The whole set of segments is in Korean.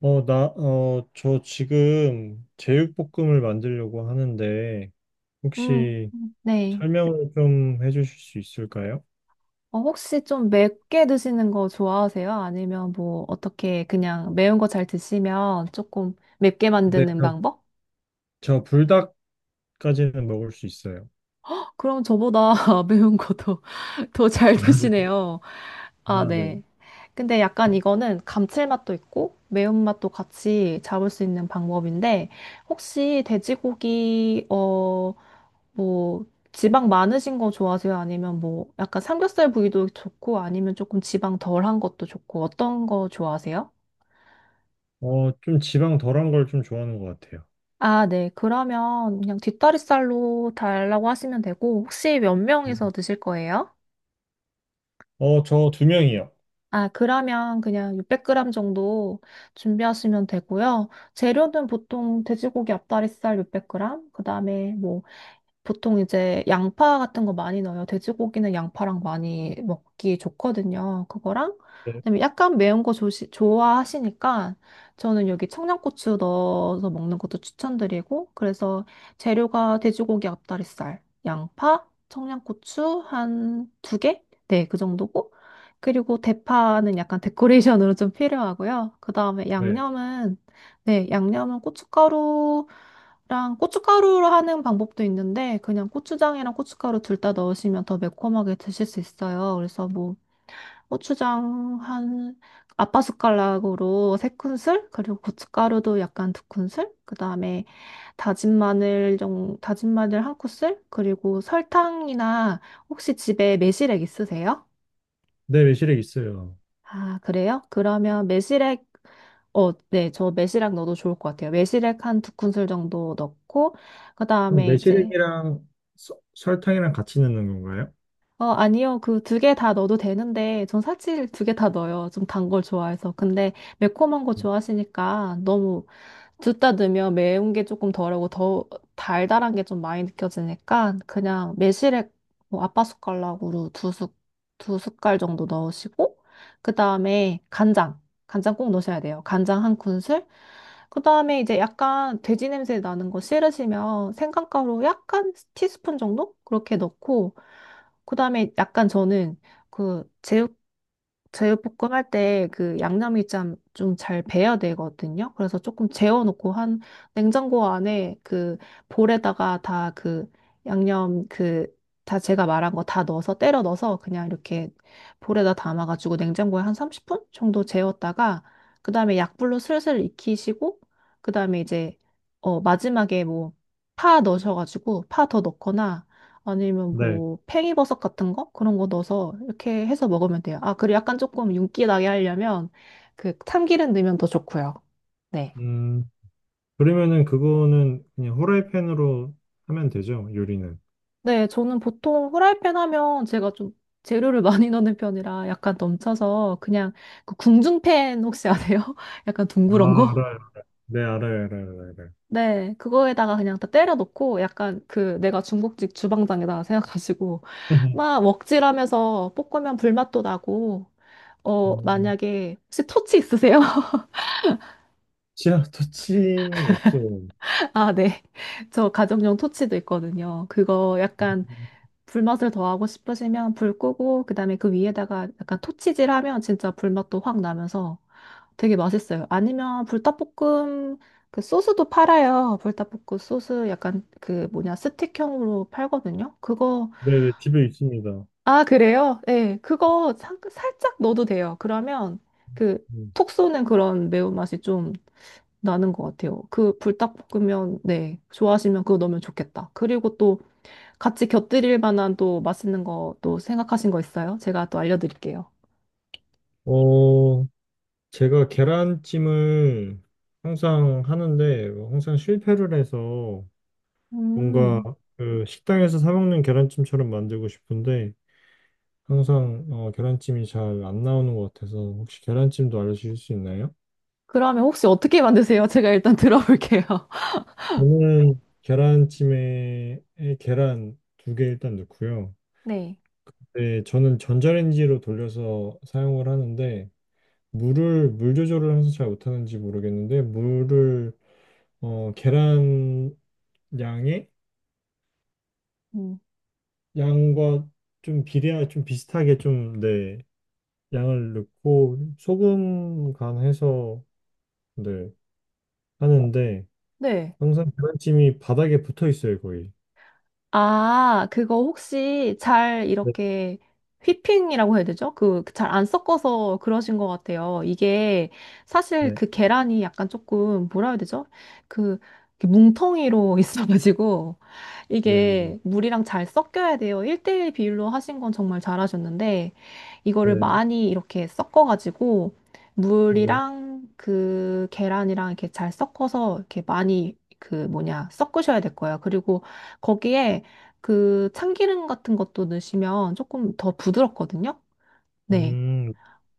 저 지금 제육볶음을 만들려고 하는데, 음, 혹시 네. 설명을 좀 해주실 수 있을까요? 어, 혹시 좀 맵게 드시는 거 좋아하세요? 아니면 뭐 어떻게 그냥 매운 거 잘 드시면 조금 맵게 네, 만드는 저, 방법? 저 불닭까지는 먹을 수 있어요. 그럼 저보다 매운 거도 더 잘 아, 네. 드시네요. 아, 아, 네. 네. 근데 약간 이거는 감칠맛도 있고 매운맛도 같이 잡을 수 있는 방법인데 혹시 돼지고기 어 뭐 지방 많으신 거 좋아하세요? 아니면 뭐 약간 삼겹살 부위도 좋고 아니면 조금 지방 덜한 것도 좋고 어떤 거 좋아하세요? 좀 지방 덜한 걸 좀 좋아하는 것 같아요. 아, 네. 그러면 그냥 뒷다리살로 달라고 하시면 되고 혹시 몇 명이서 드실 거예요? 저 두 명이요. 아, 그러면 그냥 600g 정도 준비하시면 되고요. 재료는 보통 돼지고기 앞다리살 600g, 그다음에 뭐 보통 이제 양파 같은 거 많이 넣어요. 돼지고기는 양파랑 많이 먹기 좋거든요. 그거랑 네. 그다음에 약간 매운 거 좋아하시니까 저는 여기 청양고추 넣어서 먹는 것도 추천드리고 그래서 재료가 돼지고기 앞다리살, 양파, 청양고추 한 두 개? 네, 그 정도고 그리고 대파는 약간 데코레이션으로 좀 필요하고요. 그다음에 네, 양념은 네, 양념은 고춧가루 랑 고춧가루로 하는 방법도 있는데 그냥 고추장이랑 고춧가루 둘 다 넣으시면 더 매콤하게 드실 수 있어요. 그래서 뭐 고추장 한 아빠 숟가락으로 세 큰술 그리고 고춧가루도 약간 두 큰술 그다음에 다진 마늘 좀 다진 마늘 한 큰술 그리고 설탕이나 혹시 집에 매실액 있으세요? 네, 매실액 있어요. 아, 그래요? 그러면 매실액 어, 네, 저 매실액 넣어도 좋을 것 같아요. 매실액 한 두 큰술 정도 넣고 그럼 그다음에 이제 매실액이랑 설탕이랑 같이 넣는 건가요? 어, 아니요. 그 두 개 다 넣어도 되는데, 전 사실 두 개 다 넣어요. 좀 단 걸 좋아해서. 근데 매콤한 거 좋아하시니까 너무 둘 다 넣으면 매운 게 조금 덜하고 더 달달한 게 좀 많이 느껴지니까 그냥 매실액 뭐 아빠 숟가락으로 두 숟갈 정도 넣으시고, 그 다음에 간장. 간장 꼭 넣으셔야 돼요. 간장 한 큰술. 그 다음에 이제 약간 돼지 냄새 나는 거 싫으시면 생강가루 약간 티스푼 정도? 그렇게 넣고, 그다음에 약간 저는 그 제육볶음 할 때 그 양념이 참 좀 잘 배야 되거든요. 그래서 조금 재워놓고 한 냉장고 안에 그 볼에다가 다 그 양념 그 다 제가 말한 거 다 넣어서 때려 넣어서 그냥 이렇게 볼에다 담아가지고 냉장고에 한 30분 정도 재웠다가 그다음에 약불로 슬슬 익히시고 그다음에 이제 어 마지막에 뭐 파 넣으셔가지고 파 더 넣거나 아니면 네. 뭐 팽이버섯 같은 거? 그런 거 넣어서 이렇게 해서 먹으면 돼요. 아, 그리고 약간 조금 윤기 나게 하려면 그 참기름 넣으면 더 좋고요. 네. 음, 그러면은 그거는 그냥 후라이팬으로 하면 되죠, 요리는. 네, 저는 보통 후라이팬 하면 제가 좀 재료를 많이 넣는 편이라 약간 넘쳐서 그냥 그 궁중팬 혹시 아세요? 약간 아, 둥그런 알아요. 거? 네, 알아요, 알아요, 알아요. 알아요. 네, 그거에다가 그냥 다 때려 넣고 약간 그 내가 중국집 주방장이다 생각하시고 막 먹칠하면서 볶으면 불맛도 나고 어 음, 만약에 혹시 토치 있으세요? 아 터치는 없어요. 아, 네. 저 가정용 토치도 있거든요. 그거 약간 불맛을 더하고 싶으시면 불 끄고, 그 다음에 그 위에다가 약간 토치질 하면 진짜 불맛도 확 나면서 되게 맛있어요. 아니면 불닭볶음 그 소스도 팔아요. 불닭볶음 소스 약간 그 뭐냐, 스틱형으로 팔거든요. 그거, 네, 네, 집에 있습니다. 아, 그래요? 네. 그거 살짝 넣어도 돼요. 그러면 그 음. 톡 쏘는 그런 매운맛이 좀 나는 것 같아요. 그 불닭볶음면, 네, 좋아하시면 그거 넣으면 좋겠다. 그리고 또 같이 곁들일 만한 또 맛있는 거 또 생각하신 거 있어요? 제가 또 알려드릴게요. 어, 제가 계란찜을 항상 하는데, 항상 실패를 해서 뭔가 음, 그 식당에서 사 먹는 계란찜처럼 만들고 싶은데, 항상 계란찜이 잘 안 나오는 것 같아서, 혹시 계란찜도 알려주실 수 있나요? 그러면 혹시 어떻게 만드세요? 제가 일단 들어볼게요. 저는 계란찜에 계란 2개 일단 넣고요. 네. 네, 저는 전자레인지로 돌려서 사용을 하는데 물을 물 조절을 항상 잘 못하는지 모르겠는데 물을 계란 양의 음, 양과 좀 비례하 좀 비슷하게 좀 네, 양을 넣고 소금 간해서 네, 하는데 네. 항상 계란찜이 바닥에 붙어 있어요 거의. 아, 그거 혹시 잘 네, 이렇게 휘핑이라고 해야 되죠? 그 잘 안 섞어서 그러신 것 같아요. 이게 사실 네, 그 계란이 약간 조금 뭐라 해야 되죠? 그 이렇게 뭉텅이로 있어가지고 네, 네, 이게 물이랑 잘 섞여야 돼요. 1대1 비율로 하신 건 정말 잘하셨는데 이거를 네, 많이 이렇게 섞어가지고 네. 물이랑 그 계란이랑 이렇게 잘 섞어서 이렇게 많이 그 뭐냐 섞으셔야 될 거예요. 그리고 거기에 그 참기름 같은 것도 넣으시면 조금 더 부드럽거든요. 네. 음,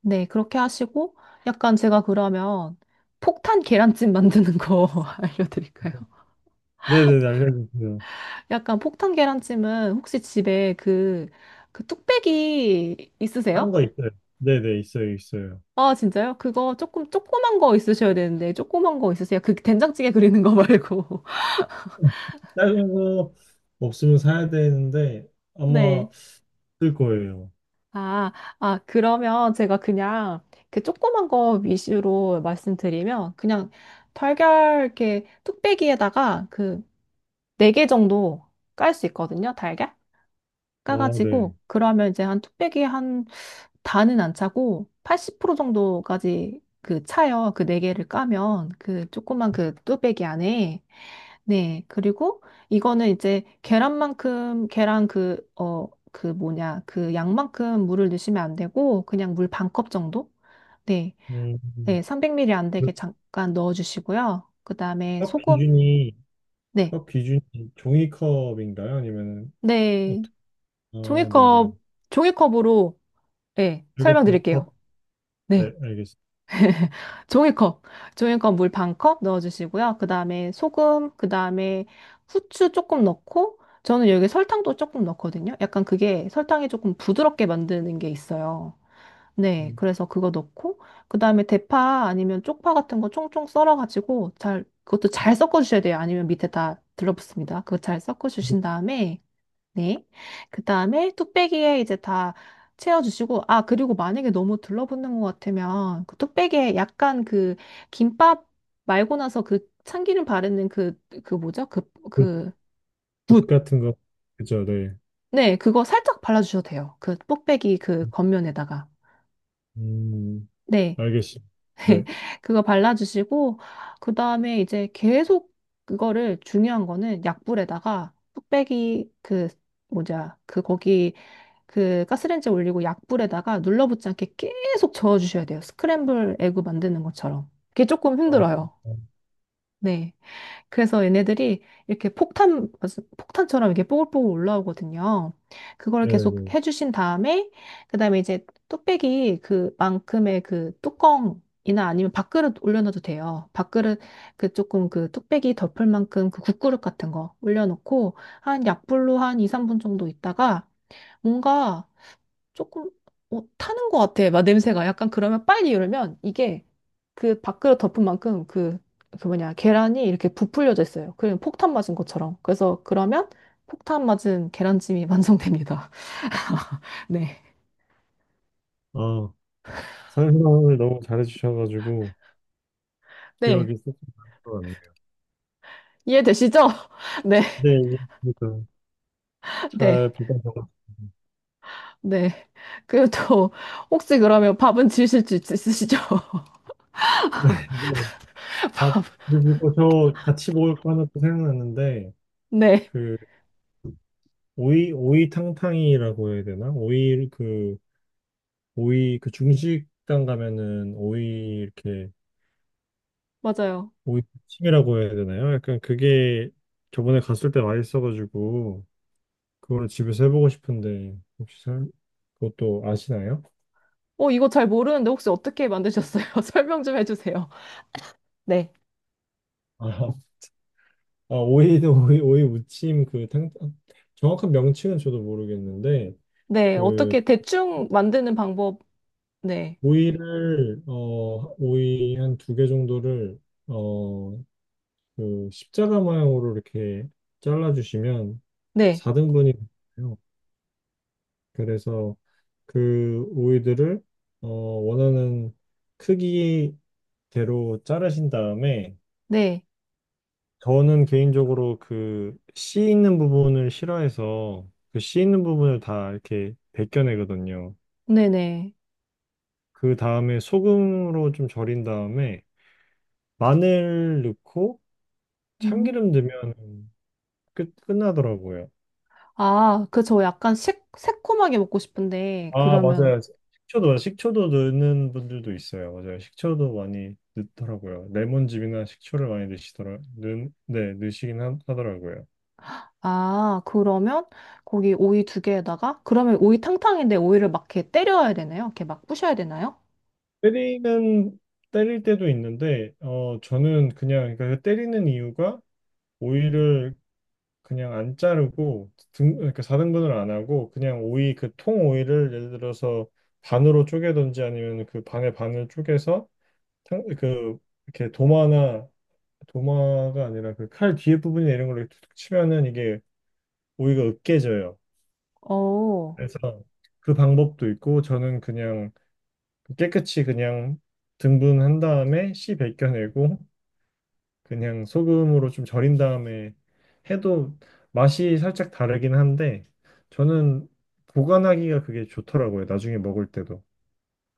네, 그렇게 하시고 약간 제가 그러면 폭탄 계란찜 만드는 거 알려드릴까요? 네네, 알려주세요. 약간 폭탄 계란찜은 혹시 집에 그, 그 뚝배기 다른 있으세요? 거 있어요. 네네 있어요 있어요. 아, 진짜요? 그거 조금 조그만 거 있으셔야 되는데 조그만 거 있으세요? 그 된장찌개 그리는 거 말고. 작은 거 없으면 사야 되는데 네. 아마 쓸 거예요. 아, 아, 그러면 제가 그냥 그 조그만 거 위주로 말씀드리면 그냥 달걀 이렇게 뚝배기에다가 그 네 개 정도 깔 수 있거든요. 달걀 아, 네. 까가지고 그러면 이제 한 뚝배기에 한 다는 안 차고 80% 정도까지 그 차요. 그 네 개를 까면 그 조그만 그 뚝배기 안에. 네. 그리고 이거는 이제 계란만큼, 계란 그, 어, 그 뭐냐, 그 양만큼 물을 넣으시면 안 되고, 그냥 물 반컵 정도? 네. 음, 네. 300ml 안 되게 잠깐 넣어주시고요. 그 다음에 그컵 소금. 기준이 네. 컵 기준이 종이컵인가요? 아니면은 네. 어떻게? 아, 네네. 종이컵, 종이컵으로, 네. 그리고 설명드릴게요. 반컵. 네, 네. 알겠습니다. 종이컵, 종이컵 물 반컵 넣어주시고요. 그 다음에 소금, 그 다음에 후추 조금 넣고, 저는 여기 설탕도 조금 넣거든요. 약간 그게 설탕이 조금 부드럽게 만드는 게 있어요. 네, 음, 그래서 그거 넣고, 그 다음에 대파 아니면 쪽파 같은 거 총총 썰어가지고 잘, 그것도 잘 섞어주셔야 돼요. 아니면 밑에 다 들러붙습니다. 그거 잘 섞어주신 다음에, 네. 그 다음에 뚝배기에 이제 다 채워주시고, 아, 그리고 만약에 너무 둘러붙는 것 같으면 그 뚝배기에 약간 그 김밥 말고 나서 그 참기름 바르는 그, 그 뭐죠? 그, 붓, 그, 붓 붓. 같은 거. 그죠, 네. 네, 그거 살짝 발라주셔도 돼요. 그 뚝배기 그 겉면에다가. 음, 네. 알겠습니다. 네. 그거 발라주시고, 그 다음에 이제 계속 그거를 중요한 거는 약불에다가 뚝배기 그, 뭐냐, 그 거기 그 가스레인지에 올리고 약불에다가 눌러붙지 않게 계속 저어주셔야 돼요. 스크램블 에그 만드는 것처럼. 그게 조금 아, 힘들어요. 네. 그래서 얘네들이 이렇게 폭탄, 무슨 폭탄처럼 이렇게 뽀글뽀글 올라오거든요. 그걸 계속 네네네. 해주신 다음에, 그 다음에 이제 뚝배기 그만큼의 그 뚜껑이나 아니면 밥그릇 올려놔도 돼요. 밥그릇 그 조금 그 뚝배기 덮을 만큼 그 국그릇 같은 거 올려놓고 한 약불로 한 2, 3분 정도 있다가 뭔가 조금 어, 타는 것 같아. 막 냄새가 약간 그러면 빨리 이러면 이게 그 밥그릇 덮은 만큼 그, 그 뭐냐 계란이 이렇게 부풀려져 있어요. 그냥 폭탄 맞은 것처럼. 그래서 그러면 폭탄 맞은 계란찜이 완성됩니다. 네. 아, 설명을 너무 잘해주셔가지고 네. 기억이 쏙쏙 나는 것 같네요. 이해되시죠? 네. 네, 예, 그래도 네. 잘 부탁드립니다. 네. 그리고 또 혹시 그러면 밥은 지으실 수 있으시죠? 아, 그리고 저 같이 먹을 거 하나 또 생각났는데, 네. 그, 오이탕탕이라고 해야 되나? 오이, 그, 오이, 그 중식당 가면은 오이, 이렇게, 맞아요. 오이찜이라고 해야 되나요? 약간 그게 저번에 갔을 때 맛있어가지고, 그걸 집에서 해보고 싶은데, 혹시 그것도 아시나요? 어, 이거 잘 모르는데 혹시 어떻게 만드셨어요? 설명 좀 해주세요. 네. 아, 아, 오이는 오이, 오이 무침, 그, 탕, 정확한 명칭은 저도 모르겠는데, 네, 그 어떻게 대충 만드는 방법 네, 오이를 오이 한 두 개 정도를 어 그 십자가 모양으로 이렇게 잘라 주시면 네, 4등분이 돼요. 그래서 그 오이들을 원하는 크기대로 자르신 다음에 네, 저는 개인적으로 그 씨 있는 부분을 싫어해서 그 씨 있는 부분을 다 이렇게 벗겨내거든요. 네네. 그 다음에 소금으로 좀 절인 다음에 마늘 넣고 음. 참기름 넣으면 끝 끝나더라고요. 아, 그 저 약간 새콤하게 먹고 싶은데, 아, 그러면, 맞아요. 식초도 넣는 분들도 있어요. 맞아요. 식초도 많이 넣더라고요. 레몬즙이나 식초를 많이 넣으시더라. 네, 넣으시긴 하, 하더라고요. 아, 그러면 거기 오이 두 개에다가, 그러면 오이 탕탕인데 오이를 막 이렇게 때려야 되나요? 이렇게 막 부셔야 되나요? 때리는 때릴 때도 있는데 저는 그냥 그러니까 그 때리는 이유가 오이를 그냥 안 자르고 등 그러니까 4등분을 안 하고 그냥 오이 그 통 오이를 예를 들어서 반으로 쪼개든지 아니면 그 반의 반을 쪼개서 그 이렇게 도마나 도마가 아니라 그 칼 뒤에 부분이나 이런 걸로 이렇게 툭툭 치면은 이게 오이가 으깨져요. 어, 그래서 그 방법도 있고 저는 그냥 깨끗이 그냥 등분한 다음에 씨 벗겨내고 그냥 소금으로 좀 절인 다음에 해도 맛이 살짝 다르긴 한데 저는 보관하기가 그게 좋더라고요. 나중에 먹을 때도.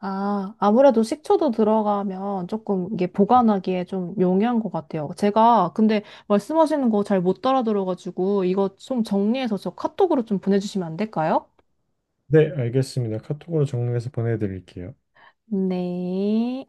아, 아무래도 식초도 들어가면 조금 이게 네, 보관하기에 좀 용이한 것 같아요. 제가 근데 말씀하시는 거 잘 못 따라 들어가지고, 이거 좀 정리해서 저 카톡으로 좀 보내주시면 안 될까요? 네, 알겠습니다. 카톡으로 정리해서 보내드릴게요. 네.